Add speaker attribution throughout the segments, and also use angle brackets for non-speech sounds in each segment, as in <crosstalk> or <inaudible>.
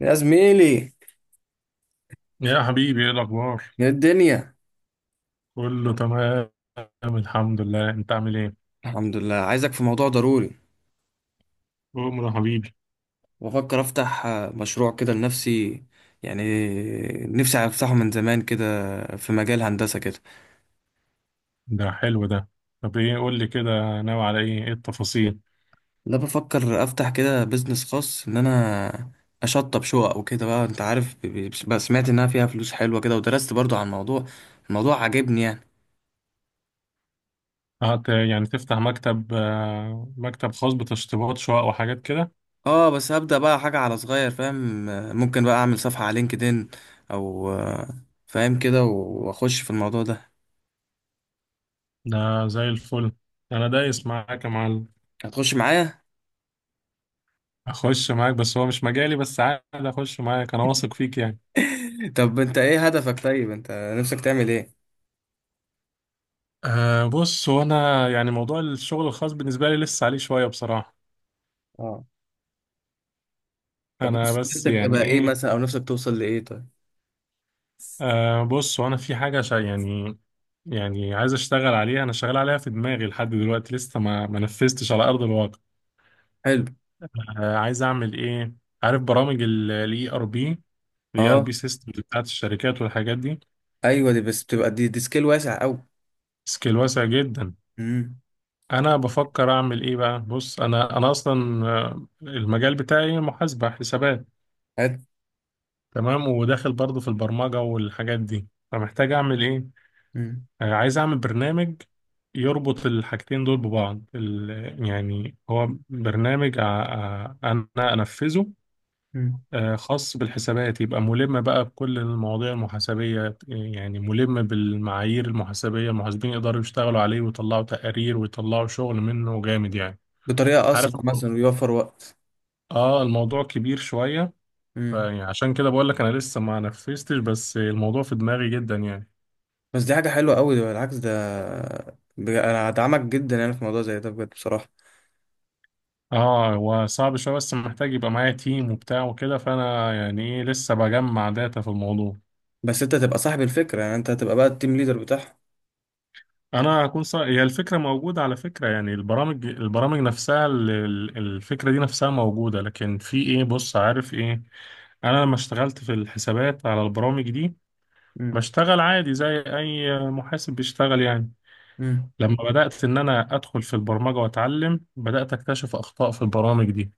Speaker 1: يا زميلي،
Speaker 2: يا حبيبي، ايه الاخبار؟
Speaker 1: يا الدنيا.
Speaker 2: كله تمام، الحمد لله. انت عامل ايه،
Speaker 1: الحمد لله، عايزك في موضوع ضروري.
Speaker 2: عمر يا حبيبي؟
Speaker 1: وافكر افتح مشروع كده لنفسي، يعني نفسي افتحه من زمان كده، في مجال هندسة كده.
Speaker 2: ده حلو ده. طب ايه، قول لي كده، ناوي على ايه، ايه التفاصيل؟
Speaker 1: لا، بفكر افتح كده بيزنس خاص ان انا اشطب شقق وكده بقى، انت عارف، بقى سمعت انها فيها فلوس حلوة كده ودرست برضو عن الموضوع، الموضوع عاجبني يعني.
Speaker 2: هت يعني تفتح مكتب، مكتب خاص بتشطيبات شقق وحاجات كده.
Speaker 1: اه، بس هبدأ بقى حاجة على صغير، فاهم، ممكن بقى اعمل صفحة على لينكدين او فاهم كده واخش في الموضوع ده.
Speaker 2: ده زي الفل، انا دايس معاك يا معلم.
Speaker 1: هتخش معايا؟
Speaker 2: اخش معاك، بس هو مش مجالي، بس عادي اخش معاك، انا واثق فيك يعني.
Speaker 1: طب انت ايه هدفك؟ طيب انت نفسك تعمل ايه؟
Speaker 2: أه، بص، هو انا يعني موضوع الشغل الخاص بالنسبه لي لسه عليه شويه بصراحه.
Speaker 1: اه، طب
Speaker 2: انا بس
Speaker 1: نفسك
Speaker 2: يعني
Speaker 1: تبقى ايه
Speaker 2: إيه،
Speaker 1: مثلا او نفسك توصل لايه طيب؟
Speaker 2: أه بص، وانا في حاجة شا يعني. يعني عايز اشتغل عليها، انا شغال عليها في دماغي لحد دلوقتي، لسه ما نفذتش على ارض الواقع.
Speaker 1: حلو.
Speaker 2: أه، عايز اعمل ايه؟ عارف برامج الاي ار بي، الاي ار بي
Speaker 1: اه،
Speaker 2: سيستمز بتاعت الشركات والحاجات دي؟
Speaker 1: ايوه دي بس بتبقى دي سكيل واسع قوي.
Speaker 2: سكيل واسع جدا.
Speaker 1: امم.
Speaker 2: انا بفكر اعمل ايه بقى، بص، انا اصلا المجال بتاعي محاسبة حسابات.
Speaker 1: حلو.
Speaker 2: تمام، وداخل برضو في البرمجة والحاجات دي، فمحتاج اعمل ايه.
Speaker 1: امم.
Speaker 2: عايز اعمل برنامج يربط الحاجتين دول ببعض، يعني هو برنامج انا انفذه.
Speaker 1: امم.
Speaker 2: خاص بالحسابات، يبقى ملم بقى بكل المواضيع المحاسبية، يعني ملم بالمعايير المحاسبية، المحاسبين يقدروا يشتغلوا عليه ويطلعوا تقارير ويطلعوا شغل منه جامد يعني.
Speaker 1: بطريقه اسرع
Speaker 2: عارف
Speaker 1: مثلا
Speaker 2: الموضوع-
Speaker 1: ويوفر وقت.
Speaker 2: اه، الموضوع كبير شوية.
Speaker 1: امم.
Speaker 2: فيعني عشان كده بقول لك انا لسه ما نفذتش، بس الموضوع في دماغي جدا يعني.
Speaker 1: بس دي حاجه حلوه قوي، ده بالعكس ده، انا هدعمك جدا يعني في موضوع زي ده، بجد بصراحه.
Speaker 2: اه، هو صعب شوية، بس محتاج يبقى معايا تيم وبتاع وكده، فأنا يعني إيه، لسه بجمع داتا في الموضوع.
Speaker 1: بس انت تبقى صاحب الفكره، يعني انت هتبقى بقى التيم ليدر بتاعها.
Speaker 2: هي الفكرة موجودة على فكرة، يعني البرامج نفسها، الفكرة دي نفسها موجودة، لكن في إيه، بص، عارف إيه. أنا لما اشتغلت في الحسابات على البرامج دي،
Speaker 1: امم.
Speaker 2: بشتغل عادي زي أي محاسب بيشتغل يعني.
Speaker 1: امم.
Speaker 2: لما بدأت إن أنا أدخل في البرمجة وأتعلم، بدأت أكتشف أخطاء في البرامج دي.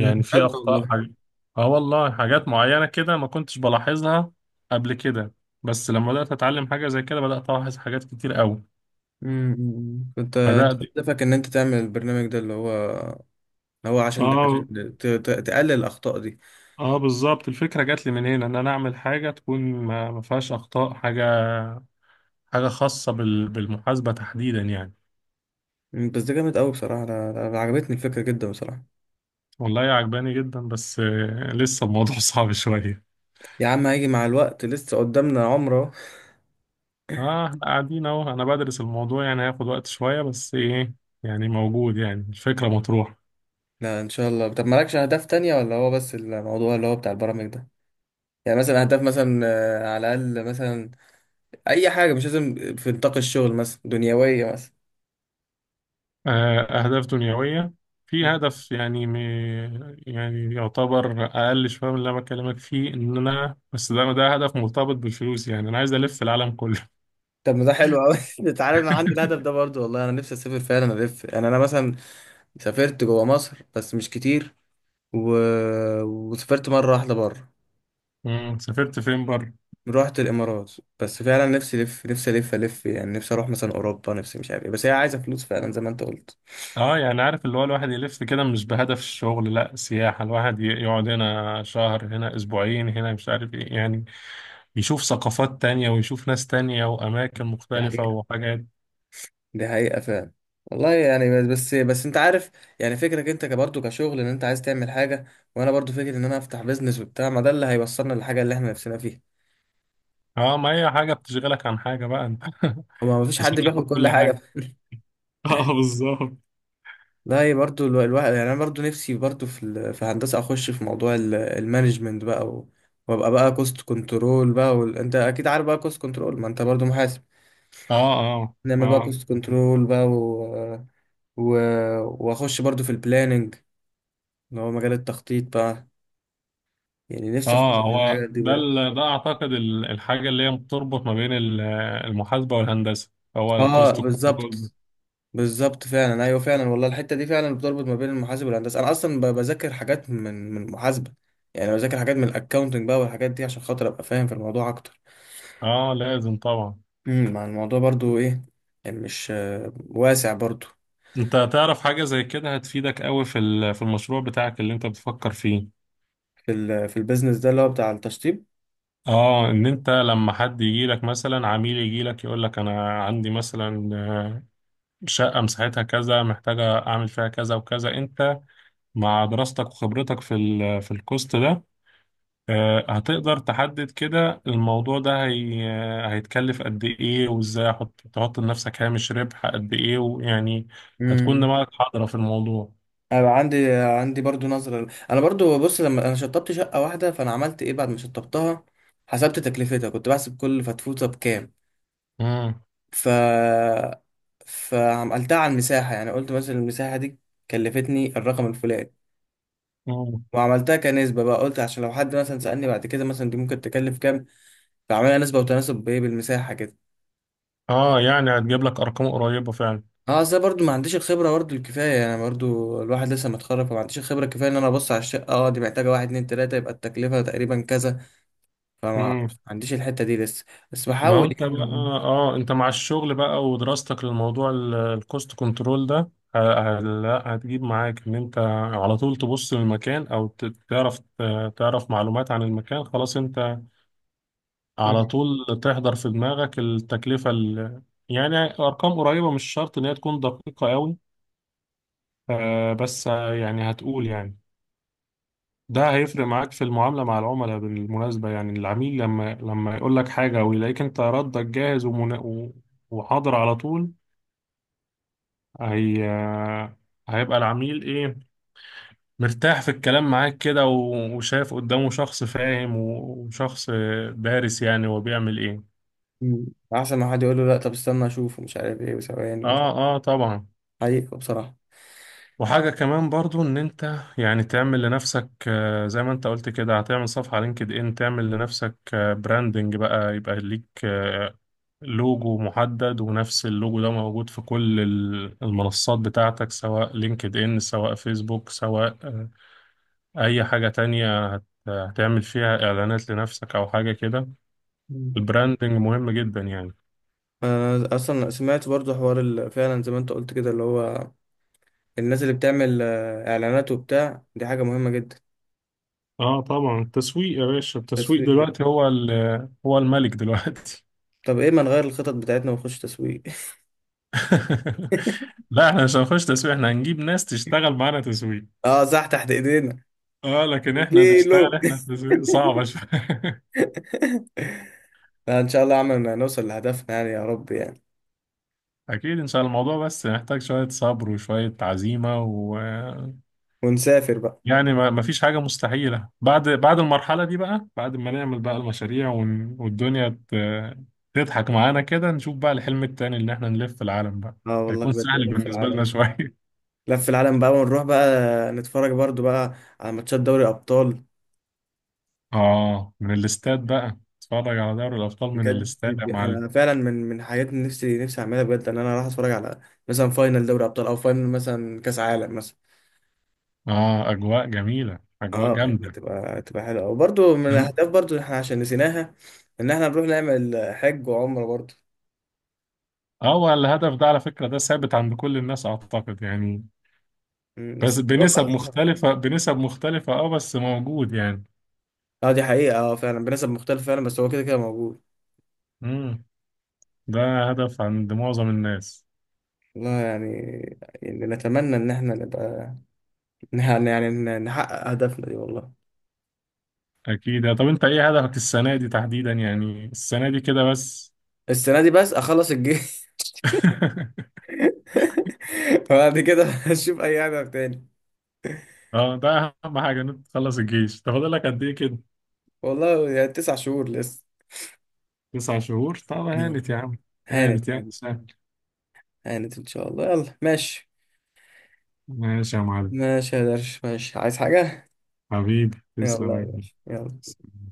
Speaker 2: في
Speaker 1: بجد
Speaker 2: اخطاء
Speaker 1: والله.
Speaker 2: حاجة. اه والله، حاجات معينة كده ما كنتش بلاحظها قبل كده، بس لما بدأت اتعلم حاجة زي كده بدأت الاحظ حاجات كتير قوي،
Speaker 1: كنت أنت
Speaker 2: بدأت.
Speaker 1: هدفك ان انت تعمل البرنامج ده اللي هو اللي هو عشان ده عشان
Speaker 2: اه،
Speaker 1: تقلل الاخطاء دي؟
Speaker 2: اه، بالظبط، الفكرة جات لي من هنا، ان انا اعمل حاجة تكون ما فيهاش اخطاء حاجة. حاجة خاصة بالمحاسبة تحديدا يعني.
Speaker 1: مم، بس ده جامد قوي بصراحه، انا أنا عجبتني الفكره جدا بصراحه.
Speaker 2: والله عجباني جدا، بس لسه الموضوع <laughs> صعب شوية.
Speaker 1: يا عم هيجي مع الوقت، لسه قدامنا عمره.
Speaker 2: اه، احنا قاعدين اهو، انا بدرس الموضوع يعني، هياخد وقت شوية، بس ايه، يعني موجود، يعني الفكرة مطروحة.
Speaker 1: لا، ان شاء الله. طب مالكش اهداف تانية، ولا هو بس الموضوع اللي هو بتاع البرامج ده؟ يعني مثلا اهداف مثلا على الاقل مثلا، اي حاجه مش لازم في نطاق الشغل، مثلا دنيويه مثلا.
Speaker 2: آه، أهداف دنيوية. في هدف يعني يعني يعتبر أقل شوية من اللي أنا بكلمك فيه، إن أنا بس ده هدف مرتبط بالفلوس، يعني أنا عايز ألف العالم كله.
Speaker 1: طب ما ده حلو قوي <laughs> تعالى انا عندي الهدف ده برضو، والله انا نفسي اسافر فعلا الف، يعني انا مثلا سافرت جوه مصر بس مش كتير، و... وسافرت مرة واحدة بره،
Speaker 2: <laughs> مم. سافرت فين بره؟
Speaker 1: رحت الإمارات. بس فعلا نفسي ألف، نفسي ألف ألف، يعني نفسي أروح مثلا أوروبا، نفسي مش عارف إيه، بس هي عايزة فلوس فعلا زي ما أنت قلت.
Speaker 2: أه، يعني عارف اللي هو الواحد يلف كده مش بهدف الشغل، لأ سياحة، الواحد يقعد هنا شهر، هنا أسبوعين، هنا مش عارف إيه، يعني يشوف ثقافات تانية ويشوف ناس تانية وأماكن
Speaker 1: دي
Speaker 2: مختلفة
Speaker 1: حقيقة.
Speaker 2: وحاجات.
Speaker 1: دي حقيقة فعلا. والله يعني، بس بس بس أنت عارف، يعني فكرك أنت برضه كشغل إن أنت عايز تعمل حاجة، وأنا برضه فكرة إن أنا أفتح بيزنس وبتاع، ما ده اللي هيوصلنا للحاجة اللي إحنا نفسنا فيها.
Speaker 2: أه، ما هي حاجة بتشغلك عن حاجة بقى أنت.
Speaker 1: هو ما فيش
Speaker 2: <laughs> مش
Speaker 1: حد بياخد
Speaker 2: هناخد
Speaker 1: كل
Speaker 2: كل
Speaker 1: حاجة.
Speaker 2: حاجة، اه بالظبط.
Speaker 1: لا، هي برضو الواحد يعني، انا برضو نفسي برضو في في هندسه اخش في موضوع المانجمنت بقى، و- وابقى بقى كوست كنترول بقى، وال... انت اكيد عارف بقى كوست كنترول، ما انت برضو محاسب.
Speaker 2: اه، اه،
Speaker 1: نعمل بقى
Speaker 2: اه،
Speaker 1: كوست كنترول بقى، و... و... واخش برضو في البلاننج، اللي هو مجال التخطيط بقى، يعني نفسي اخش
Speaker 2: اه،
Speaker 1: في
Speaker 2: هو
Speaker 1: الحاجات دي
Speaker 2: ده
Speaker 1: برضو.
Speaker 2: ده اعتقد الحاجه اللي هي بتربط ما بين المحاسبه والهندسه، هو
Speaker 1: اه
Speaker 2: الكوست كنترول.
Speaker 1: بالظبط. بالظبط فعلا، ايوه فعلا والله، الحته دي فعلا بتربط ما بين المحاسب والهندسه. انا اصلا بذاكر حاجات من المحاسبه، يعني بذاكر حاجات من الاكاونتنج بقى والحاجات دي عشان خاطر ابقى فاهم في الموضوع اكتر.
Speaker 2: اه لازم طبعا.
Speaker 1: مع الموضوع برضو ايه، يعني مش واسع برضو.
Speaker 2: انت تعرف حاجه زي كده هتفيدك قوي في في المشروع بتاعك اللي انت بتفكر فيه.
Speaker 1: في ال في البيزنس ده اللي هو بتاع التشطيب.
Speaker 2: اه، ان انت لما حد يجي لك مثلا، عميل يجي لك يقول لك انا عندي مثلا شقه مساحتها كذا محتاجه اعمل فيها كذا وكذا، انت مع دراستك وخبرتك في في الكوست ده، هتقدر تحدد كده الموضوع ده هيتكلف قد ايه، وازاي تحط لنفسك هامش ربح قد ايه، ويعني هتكون
Speaker 1: امم.
Speaker 2: دماغك حاضرة في الموضوع.
Speaker 1: انا بقى عندي برضو نظرة، انا برضو بص، لما انا شطبت شقة واحدة فانا عملت ايه بعد ما شطبتها؟ حسبت تكلفتها، كنت بحسب كل فتفوتة بكام.
Speaker 2: مم.
Speaker 1: ف فعملتها على المساحة، يعني قلت مثلا المساحة دي كلفتني الرقم الفلاني.
Speaker 2: مم.
Speaker 1: وعملتها كنسبة بقى، قلت عشان لو حد مثلا سألني بعد كده مثلا دي ممكن تكلف كام. فعملها نسبة وتناسب بايه بالمساحة كده.
Speaker 2: اه يعني هتجيب لك ارقام قريبة فعلا.
Speaker 1: اه اصل أنا برضو ما عنديش الخبره برضو الكفايه، انا برضو الواحد لسه متخرج فما عنديش الخبره الكفايه ان انا ابص على الشقه، اه دي محتاجه واحد اتنين تلاته يبقى التكلفه تقريبا كذا. فما
Speaker 2: مم.
Speaker 1: عنديش الحته دي لسه، بس
Speaker 2: ما هو
Speaker 1: بحاول
Speaker 2: انت بقى،
Speaker 1: يعني.
Speaker 2: اه انت مع الشغل بقى ودراستك للموضوع الكوست كنترول ده، لا هتجيب معاك ان انت على طول تبص للمكان، او تعرف معلومات عن المكان، خلاص انت على
Speaker 1: مم.
Speaker 2: طول تحضر في دماغك التكلفة يعني أرقام قريبة، مش شرط إن هي تكون دقيقة قوي، بس يعني هتقول يعني، ده هيفرق معاك في المعاملة مع العملاء بالمناسبة، يعني العميل لما يقول لك حاجة ويلاقيك أنت ردك جاهز، وحاضر على طول، هي آه، هيبقى العميل إيه، مرتاح في الكلام معاك كده، وشايف قدامه شخص فاهم، وشخص دارس، يعني هو بيعمل إيه.
Speaker 1: مم. احسن ما حد يقول له لا طب استنى اشوف ومش عارف ايه وثواني مش،
Speaker 2: آه، آه، طبعا.
Speaker 1: حقيقه بصراحه.
Speaker 2: وحاجة كمان برضو، ان انت يعني تعمل لنفسك، زي ما انت قلت كده، هتعمل صفحة على لينكد ان، تعمل لنفسك براندنج بقى، يبقى ليك لوجو محدد، ونفس اللوجو ده موجود في كل المنصات بتاعتك، سواء لينكد ان، سواء فيسبوك، سواء اي حاجة تانية هتعمل فيها اعلانات لنفسك او حاجة كده.
Speaker 1: مم.
Speaker 2: البراندنج مهم جدا يعني.
Speaker 1: انا اصلا سمعت برضو حوار فعلا زي ما انت قلت كده اللي هو الناس اللي بتعمل اعلانات وبتاع، دي حاجه مهمه جدا.
Speaker 2: اه طبعا، التسويق يا باشا، التسويق
Speaker 1: تسويق.
Speaker 2: دلوقتي هو الملك دلوقتي.
Speaker 1: طب ايه ما نغير الخطط بتاعتنا ونخش تسويق؟
Speaker 2: <laughs>
Speaker 1: <laughs>
Speaker 2: لا، احنا مش هنخش تسويق، احنا هنجيب ناس تشتغل معانا تسويق.
Speaker 1: اه صح، تحت ايدينا.
Speaker 2: اه، لكن احنا
Speaker 1: اديله.
Speaker 2: نشتغل احنا في تسويق صعبة شوية.
Speaker 1: لا ان شاء الله عملنا نوصل لهدفنا يعني، يا رب يعني.
Speaker 2: <laughs> اكيد ان شاء الله. الموضوع بس محتاج شوية صبر وشوية عزيمة، و
Speaker 1: ونسافر بقى.
Speaker 2: يعني ما فيش حاجة مستحيلة، بعد المرحلة دي بقى، بعد ما نعمل بقى المشاريع والدنيا تضحك معانا كده، نشوف بقى الحلم التاني اللي احنا نلف العالم بقى،
Speaker 1: اه والله
Speaker 2: هيكون
Speaker 1: بجد،
Speaker 2: سهل
Speaker 1: لف
Speaker 2: بالنسبة لنا
Speaker 1: العالم.
Speaker 2: شوية.
Speaker 1: لف العالم بقى ونروح بقى نتفرج برضو بقى على ماتشات دوري ابطال.
Speaker 2: <laughs> اه، من الاستاد بقى، اتفرج على دوري الابطال من
Speaker 1: بجد،
Speaker 2: الاستاد يا معلم.
Speaker 1: انا فعلا من حاجات نفسي نفسي اعملها بجد ان انا اروح اتفرج على مثلا فاينل دوري ابطال او فاينل مثلا كاس عالم مثلا.
Speaker 2: اه، اجواء جميله، اجواء
Speaker 1: اه يعني
Speaker 2: جامده.
Speaker 1: هتبقى حلوه، وبرضو من
Speaker 2: أم-
Speaker 1: الاهداف برضو احنا عشان نسيناها، ان احنا نروح نعمل حج وعمره برضو.
Speaker 2: اه، والهدف ده على فكره ده ثابت عند كل الناس اعتقد يعني.
Speaker 1: مم، بس
Speaker 2: بس
Speaker 1: الموضوع
Speaker 2: بنسب
Speaker 1: بقى صعب.
Speaker 2: مختلفه، بنسب مختلفه، اه بس موجود يعني.
Speaker 1: اه دي حقيقة، اه فعلا بنسب مختلفة فعلا، بس هو كده كده موجود.
Speaker 2: امم ده هدف عند معظم الناس.
Speaker 1: والله يعني، يعني نتمنى ان احنا نبقى، يعني نحقق هدفنا دي والله.
Speaker 2: اكيد. طب انت ايه هدفك السنه دي تحديدا، يعني السنه دي كده بس؟
Speaker 1: السنة دي بس اخلص الجيش.
Speaker 2: <laughs>
Speaker 1: <laughs> وبعد كده اشوف اي هدف تاني.
Speaker 2: اه، ده اهم حاجه ان انت تخلص الجيش. طب فاضل لك قد ايه كده؟
Speaker 1: والله يعني 9 شهور لسه.
Speaker 2: 9 شهور، طب
Speaker 1: يلا.
Speaker 2: هانت يا عم. هانت
Speaker 1: هانت
Speaker 2: يا عم،
Speaker 1: هانت.
Speaker 2: سهل.
Speaker 1: هانت ان شاء الله، يلا ماشي.
Speaker 2: ماشي يا معلم،
Speaker 1: ماشي يا درش، ماشي، عايز حاجة؟
Speaker 2: حبيبي
Speaker 1: يلا
Speaker 2: تسلم
Speaker 1: يا
Speaker 2: يا
Speaker 1: باشا يلا.
Speaker 2: كبير.